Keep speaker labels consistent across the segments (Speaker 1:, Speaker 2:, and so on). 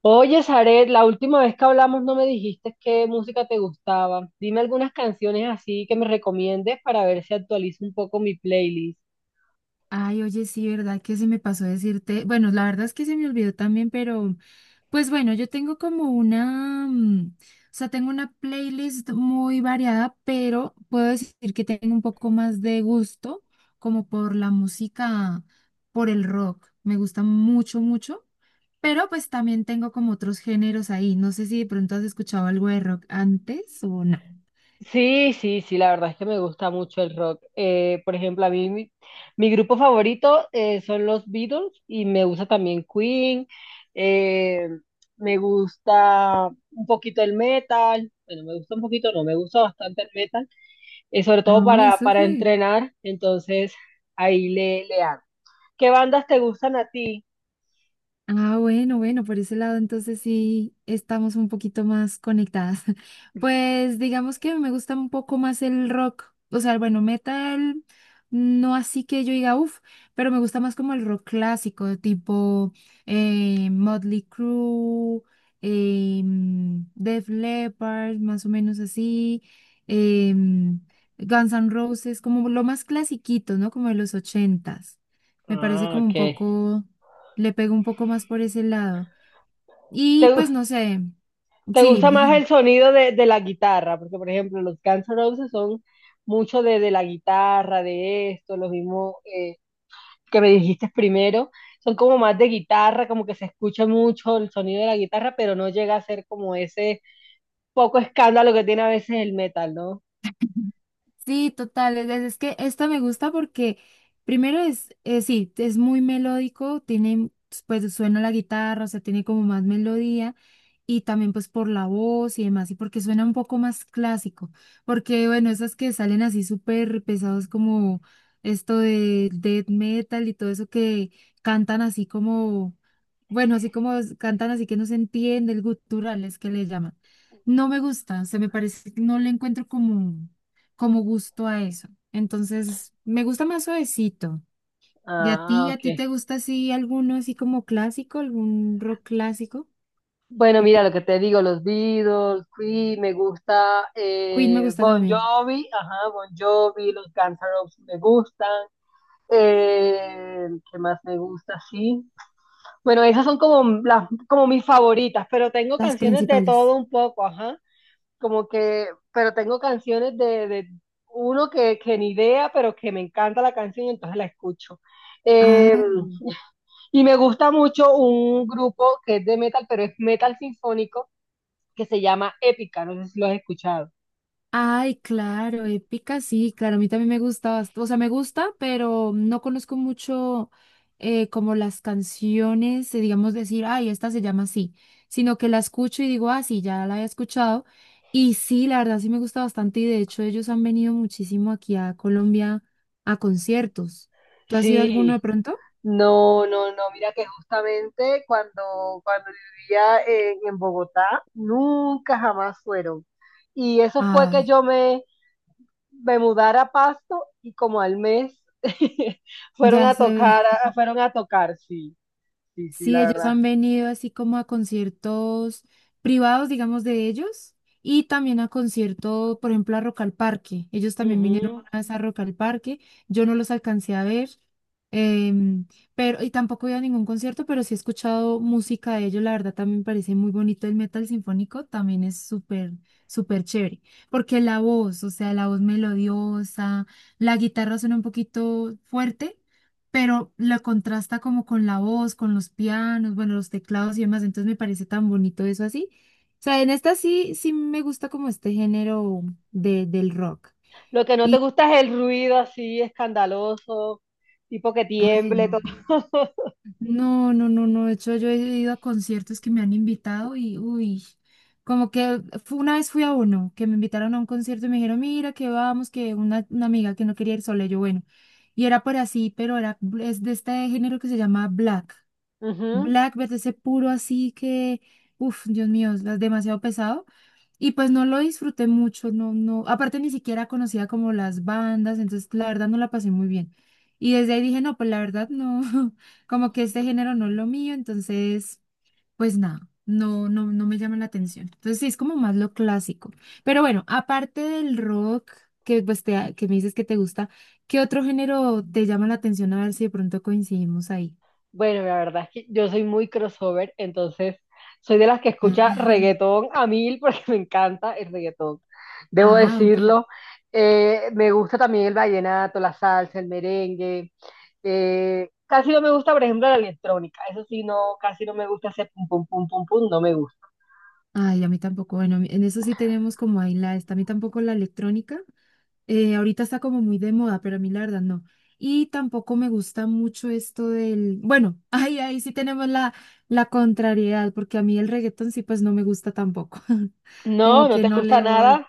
Speaker 1: Oye, Zaret, la última vez que hablamos no me dijiste qué música te gustaba. Dime algunas canciones así que me recomiendes para ver si actualizo un poco mi playlist.
Speaker 2: Ay, oye, sí, ¿verdad? Que se me pasó decirte. Bueno, la verdad es que se me olvidó también, pero pues bueno, yo tengo como una, o sea, tengo una playlist muy variada, pero puedo decir que tengo un poco más de gusto como por la música, por el rock. Me gusta mucho, mucho, pero pues también tengo como otros géneros ahí. No sé si de pronto has escuchado algo de rock antes o no.
Speaker 1: Sí, sí, sí, la verdad es que me gusta mucho el rock. Por ejemplo, a mí mi grupo favorito son los Beatles y me gusta también Queen. eh, Me gusta un poquito el metal. Bueno, me gusta un poquito, no, me gusta bastante el metal, sobre todo
Speaker 2: Ay,
Speaker 1: para
Speaker 2: súper.
Speaker 1: entrenar. Entonces, ahí le hago. ¿Qué bandas te gustan a ti?
Speaker 2: Ah, bueno, bueno, por ese lado entonces sí estamos un poquito más conectadas. Pues digamos que me gusta un poco más el rock, o sea, bueno, metal, no así que yo diga, uff, pero me gusta más como el rock clásico, tipo Motley Crue, Def Leppard, más o menos así, em, Guns N' Roses, como lo más clasiquito, ¿no? Como de los ochentas. Me parece
Speaker 1: Ah,
Speaker 2: como un
Speaker 1: ok.
Speaker 2: poco le pego un poco más por ese lado.
Speaker 1: ¿Te,
Speaker 2: Y
Speaker 1: gu-
Speaker 2: pues no sé,
Speaker 1: te
Speaker 2: sí,
Speaker 1: gusta más
Speaker 2: dime.
Speaker 1: el sonido de, la guitarra? Porque, por ejemplo, los Guns N' Roses son mucho de la guitarra, de esto, los mismos que me dijiste primero. Son como más de guitarra, como que se escucha mucho el sonido de la guitarra, pero no llega a ser como ese poco escándalo que tiene a veces el metal, ¿no?
Speaker 2: Sí, total. Es que esta me gusta porque primero es, sí, es muy melódico, tiene, pues suena la guitarra, o sea, tiene como más melodía y también pues por la voz y demás, y porque suena un poco más clásico, porque bueno, esas que salen así súper pesados como esto de death metal y todo eso que cantan así como, bueno, cantan así que no se entiende, el gutural es que le llaman. No me gusta, o sea, me parece, no le encuentro como gusto a eso. Entonces, me gusta más suavecito. ¿Y
Speaker 1: Ah,
Speaker 2: a
Speaker 1: ok.
Speaker 2: ti te gusta así alguno así como clásico, algún rock clásico?
Speaker 1: Bueno,
Speaker 2: Que
Speaker 1: mira
Speaker 2: te...
Speaker 1: lo que te digo, los Beatles, Queen, me gusta
Speaker 2: Queen me gusta
Speaker 1: Bon
Speaker 2: también.
Speaker 1: Jovi, ajá, Bon Jovi, los Guns N' Roses me gustan. ¿Qué más me gusta? Sí. Bueno, esas son como mis favoritas, pero tengo
Speaker 2: Las
Speaker 1: canciones de
Speaker 2: principales.
Speaker 1: todo un poco, ajá. Como que, pero tengo canciones de, uno que ni idea, pero que me encanta la canción, entonces la escucho. Eh,
Speaker 2: Ay.
Speaker 1: y me gusta mucho un grupo que es de metal, pero es metal sinfónico que se llama Épica, no sé si lo has escuchado.
Speaker 2: Ay, claro, épica, sí, claro, a mí también me gusta, o sea, me gusta, pero no conozco mucho como las canciones, digamos decir, ay, esta se llama así, sino que la escucho y digo, ah, sí, ya la he escuchado, y sí, la verdad sí me gusta bastante, y de hecho ellos han venido muchísimo aquí a Colombia a conciertos. ¿Tú has ido a alguno de
Speaker 1: Sí,
Speaker 2: pronto?
Speaker 1: no, no, no, mira que justamente cuando vivía en Bogotá, nunca jamás fueron. Y eso fue que
Speaker 2: Ay,
Speaker 1: yo me mudara a Pasto y como al mes fueron
Speaker 2: ya
Speaker 1: a
Speaker 2: sé.
Speaker 1: tocar, sí, sí, sí,
Speaker 2: Sí,
Speaker 1: la
Speaker 2: ellos
Speaker 1: verdad.
Speaker 2: han venido así como a conciertos privados, digamos, de ellos, y también a conciertos, por ejemplo, a Rock al Parque. Ellos también vinieron
Speaker 1: Ujú.
Speaker 2: una vez a Rock al Parque. Yo no los alcancé a ver, em, pero, y tampoco he ido a ningún concierto, pero sí he escuchado música de ellos. La verdad, también me parece muy bonito el metal sinfónico, también es súper, súper chévere. Porque la voz, o sea, la voz melodiosa, la guitarra suena un poquito fuerte pero la contrasta como con la voz, con los pianos, bueno, los teclados y demás, entonces me parece tan bonito eso así. O sea, en esta sí, sí me gusta como este género de, del rock.
Speaker 1: Lo que no te gusta es el ruido así escandaloso, tipo que
Speaker 2: Ay,
Speaker 1: tiemble, todo.
Speaker 2: no. No, no, no, no. De hecho, yo he ido a conciertos que me han invitado y, uy, una vez fui a uno, que me invitaron a un concierto y me dijeron, mira, que vamos, que una amiga que no quería ir sola, y yo, bueno. Y era por así, pero era, es de este género que se llama black.
Speaker 1: Ujú.
Speaker 2: Blackbird, ese puro así que, uff, Dios mío, es demasiado pesado. Y pues no lo disfruté mucho, no, no, aparte ni siquiera conocía como las bandas, entonces la verdad no la pasé muy bien. Y desde ahí dije, no, pues la verdad no, como que este género no es lo mío, entonces, pues nada, no, no, no me llama la atención. Entonces sí, es como más lo clásico. Pero bueno, aparte del rock, que pues te, que me dices que te gusta, ¿qué otro género te llama la atención? A ver si de pronto coincidimos ahí.
Speaker 1: Bueno, la verdad es que yo soy muy crossover, entonces soy de las que escucha reggaetón a mil porque me encanta el reggaetón, debo
Speaker 2: Ah, ok.
Speaker 1: decirlo. Me gusta también el vallenato, la salsa, el merengue. Casi no me gusta, por ejemplo, la electrónica. Eso sí, no, casi no me gusta hacer pum, pum, pum, pum, pum, no me gusta.
Speaker 2: Ay, a mí tampoco. Bueno, en eso sí tenemos como ahí la esta. A mí tampoco la electrónica. Ahorita está como muy de moda, pero a mí la verdad no. Y tampoco me gusta mucho esto del. Bueno, ahí, ahí sí tenemos la, la contrariedad, porque a mí el reggaetón sí, pues no me gusta tampoco.
Speaker 1: No,
Speaker 2: Como
Speaker 1: no
Speaker 2: que
Speaker 1: te
Speaker 2: no
Speaker 1: gusta
Speaker 2: le voy.
Speaker 1: nada.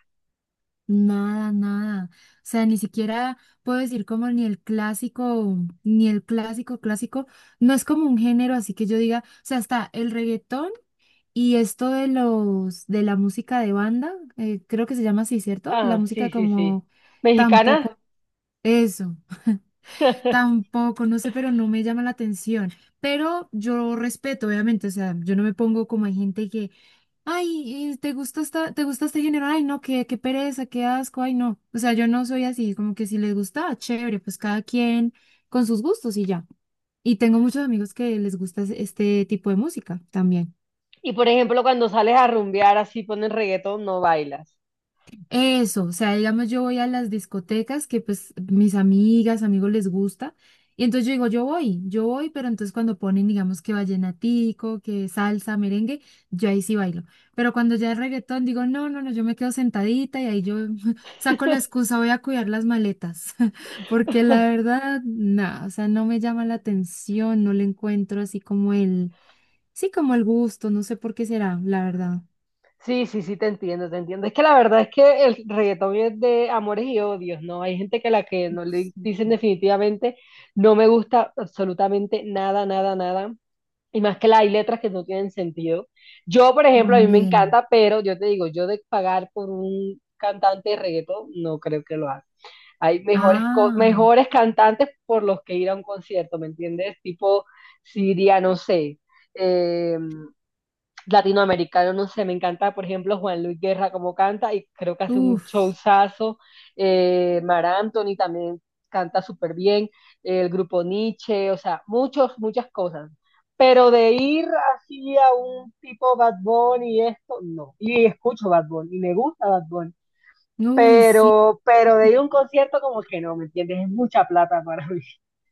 Speaker 2: Nada, nada. O sea, ni siquiera puedo decir como ni el clásico, ni el clásico, clásico. No es como un género, así que yo diga, o sea, está el reggaetón. Y esto de los de la música de banda, creo que se llama así, ¿cierto? La
Speaker 1: Ah, sí,
Speaker 2: música
Speaker 1: sí, sí.
Speaker 2: como
Speaker 1: ¿Mexicana?
Speaker 2: tampoco, eso, tampoco, no sé, pero no me llama la atención. Pero yo respeto, obviamente, o sea, yo no me pongo como hay gente que, ay, ¿te gusta esta, te gusta este género? Ay, no, qué, qué pereza, qué asco, ay, no. O sea, yo no soy así, como que si les gusta, ah, chévere, pues cada quien con sus gustos y ya. Y tengo muchos amigos que les gusta este tipo de música también.
Speaker 1: Y por ejemplo, cuando sales a rumbear así ponen reggaetón, no bailas.
Speaker 2: Eso, o sea, digamos, yo voy a las discotecas que pues mis amigas, amigos les gusta, y entonces yo digo, yo voy, pero entonces cuando ponen, digamos, que vallenatico, que salsa, merengue, yo ahí sí bailo. Pero cuando ya es reggaetón, digo, no, no, no, yo me quedo sentadita y ahí yo saco la excusa, voy a cuidar las maletas, porque la verdad, nada, o sea, no me llama la atención, no le encuentro así como el, sí, como el gusto, no sé por qué será, la verdad.
Speaker 1: Sí, sí, sí, te entiendo, te entiendo. Es que la verdad es que el reggaetón es de amores y odios, ¿no? Hay gente que a la que no
Speaker 2: Ups.
Speaker 1: le dicen definitivamente, no me gusta absolutamente nada, nada, nada. Y más que la, hay letras que no tienen sentido. Yo, por ejemplo, a mí me
Speaker 2: También.
Speaker 1: encanta, pero yo te digo, yo de pagar por un cantante de reggaetón, no creo que lo haga. Hay mejores, co-
Speaker 2: Ah.
Speaker 1: mejores cantantes por los que ir a un concierto, ¿me entiendes? Tipo, si iría, no sé. em, Latinoamericano, no sé, me encanta, por ejemplo, Juan Luis Guerra como canta y creo que hace un
Speaker 2: Uf,
Speaker 1: showzazo. Mar Anthony también canta súper bien, el grupo Nietzsche, o sea, muchos, muchas cosas. Pero de ir así a un tipo Bad Bunny y esto, no. Y escucho Bad Bunny y me gusta Bad Bunny.
Speaker 2: uy, sí.
Speaker 1: Pero de ir a un concierto como que no, ¿me entiendes? Es mucha plata para mí.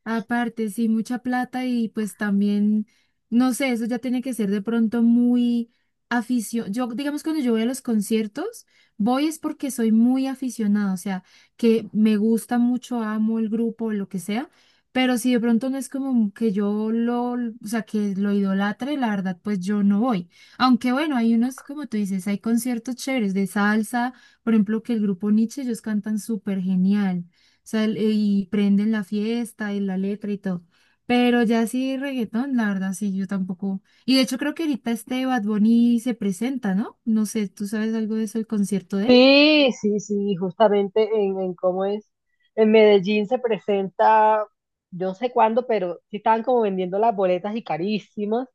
Speaker 2: Aparte, sí, mucha plata y pues también, no sé, eso ya tiene que ser de pronto muy afición. Yo, digamos, cuando yo voy a los conciertos, voy es porque soy muy aficionada, o sea, que me gusta mucho, amo el grupo, lo que sea, pero si de pronto no es como que yo lo, o sea, que lo idolatre, la verdad, pues yo no voy. Aunque bueno, hay unos, como tú dices, hay conciertos chéveres de salsa, por ejemplo, que el grupo Nietzsche, ellos cantan súper genial sea, y prenden la fiesta y la letra y todo. Pero ya sí, reggaetón, la verdad, sí, yo tampoco. Y de hecho creo que ahorita este Bad Bunny se presenta, ¿no? No sé, ¿tú sabes algo de eso, el concierto de él?
Speaker 1: Sí, sí, sí, justamente en cómo es. En Medellín se presenta, yo no sé cuándo, pero sí estaban como vendiendo las boletas y carísimas,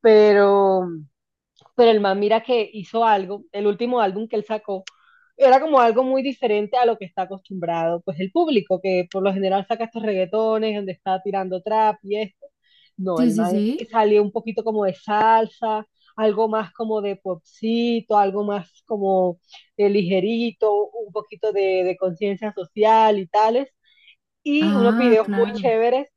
Speaker 1: pero el man mira que hizo algo, el último álbum que él sacó, era como algo muy diferente a lo que está acostumbrado, pues el público, que por lo general saca estos reggaetones, donde está tirando trap y esto. No,
Speaker 2: Sí,
Speaker 1: el
Speaker 2: sí,
Speaker 1: man
Speaker 2: sí.
Speaker 1: salió un poquito como de salsa, algo más como de popcito, algo más como de ligerito, un poquito de, conciencia social y tales. Y unos
Speaker 2: Ah,
Speaker 1: videos muy
Speaker 2: claro.
Speaker 1: chéveres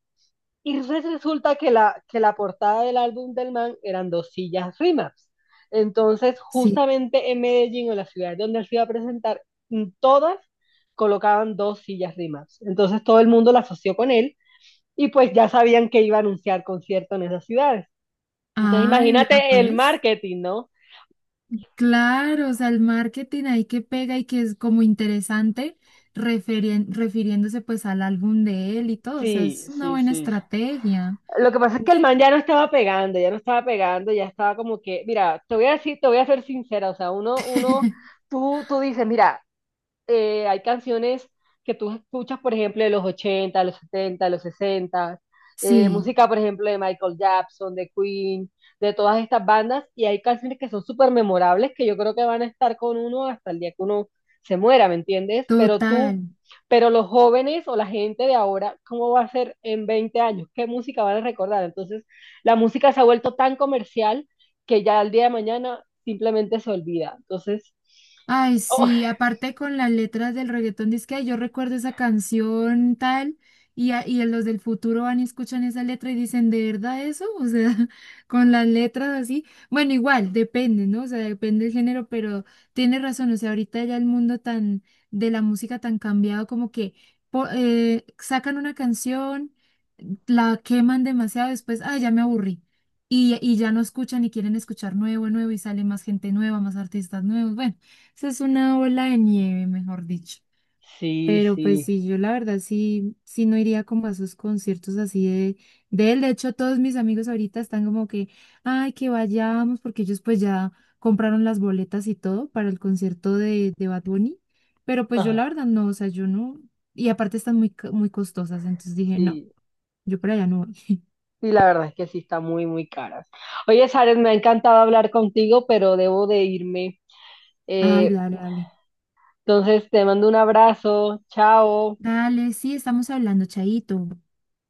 Speaker 1: y resulta que que la portada del álbum del man eran dos sillas Rimax. Entonces,
Speaker 2: Sí.
Speaker 1: justamente en Medellín, o en la ciudad donde él se iba a presentar, en todas colocaban dos sillas Rimax. Entonces, todo el mundo la asoció con él y pues ya sabían que iba a anunciar concierto en esas ciudades. Entonces,
Speaker 2: Ay, vea
Speaker 1: imagínate el
Speaker 2: pues.
Speaker 1: marketing, ¿no?
Speaker 2: Claro, o sea, el marketing ahí que pega y que es como interesante, refiriéndose pues al álbum de él y todo, o sea,
Speaker 1: Sí,
Speaker 2: es una
Speaker 1: sí,
Speaker 2: buena
Speaker 1: sí.
Speaker 2: estrategia.
Speaker 1: Lo que pasa es que el
Speaker 2: Uf.
Speaker 1: man ya no estaba pegando, ya no estaba pegando, ya estaba como que, mira, te voy a decir, te voy a ser sincera, o sea, uno, tú dices, mira, hay canciones que tú escuchas, por ejemplo, de los 80, de los 70, de los 60,
Speaker 2: Sí,
Speaker 1: música, por ejemplo, de Michael Jackson, de Queen, de todas estas bandas, y hay canciones que son súper memorables que yo creo que van a estar con uno hasta el día que uno se muera, ¿me entiendes? Pero tú,
Speaker 2: total.
Speaker 1: pero los jóvenes o la gente de ahora, ¿cómo va a ser en 20 años? ¿Qué música van a recordar? Entonces, la música se ha vuelto tan comercial que ya al día de mañana simplemente se olvida. Entonces,
Speaker 2: Ay,
Speaker 1: o
Speaker 2: sí, aparte con las letras del reggaetón, dice que "Ay, yo recuerdo esa canción tal, y, y los del futuro van y escuchan esa letra y dicen, ¿de verdad eso? O sea, con las letras así. Bueno, igual, depende, ¿no? O sea, depende del género, pero tiene razón, o sea, ahorita ya el mundo tan, de la música tan cambiado, como que sacan una canción, la queman demasiado, después, ay, ya me aburrí. Y ya no escuchan y quieren escuchar nuevo, nuevo, y sale más gente nueva, más artistas nuevos. Bueno. Eso es una ola de nieve, mejor dicho.
Speaker 1: sí,
Speaker 2: Pero pues
Speaker 1: sí.
Speaker 2: sí, yo la verdad sí, sí no iría como a esos conciertos así de él. De hecho, todos mis amigos ahorita están como que, ay, que vayamos, porque ellos pues ya compraron las boletas y todo para el concierto de Bad Bunny. Pero pues yo la
Speaker 1: Ah,
Speaker 2: verdad no, o sea, yo no. Y aparte están muy, muy costosas, entonces dije, no,
Speaker 1: sí.
Speaker 2: yo para allá no voy.
Speaker 1: Sí, la verdad es que sí está muy, muy caras. Oye, Sares, me ha encantado hablar contigo, pero debo de irme.
Speaker 2: Ay,
Speaker 1: Eh,
Speaker 2: dale, dale.
Speaker 1: entonces, te mando un abrazo. Chao.
Speaker 2: Dale, sí, estamos hablando, Chaito.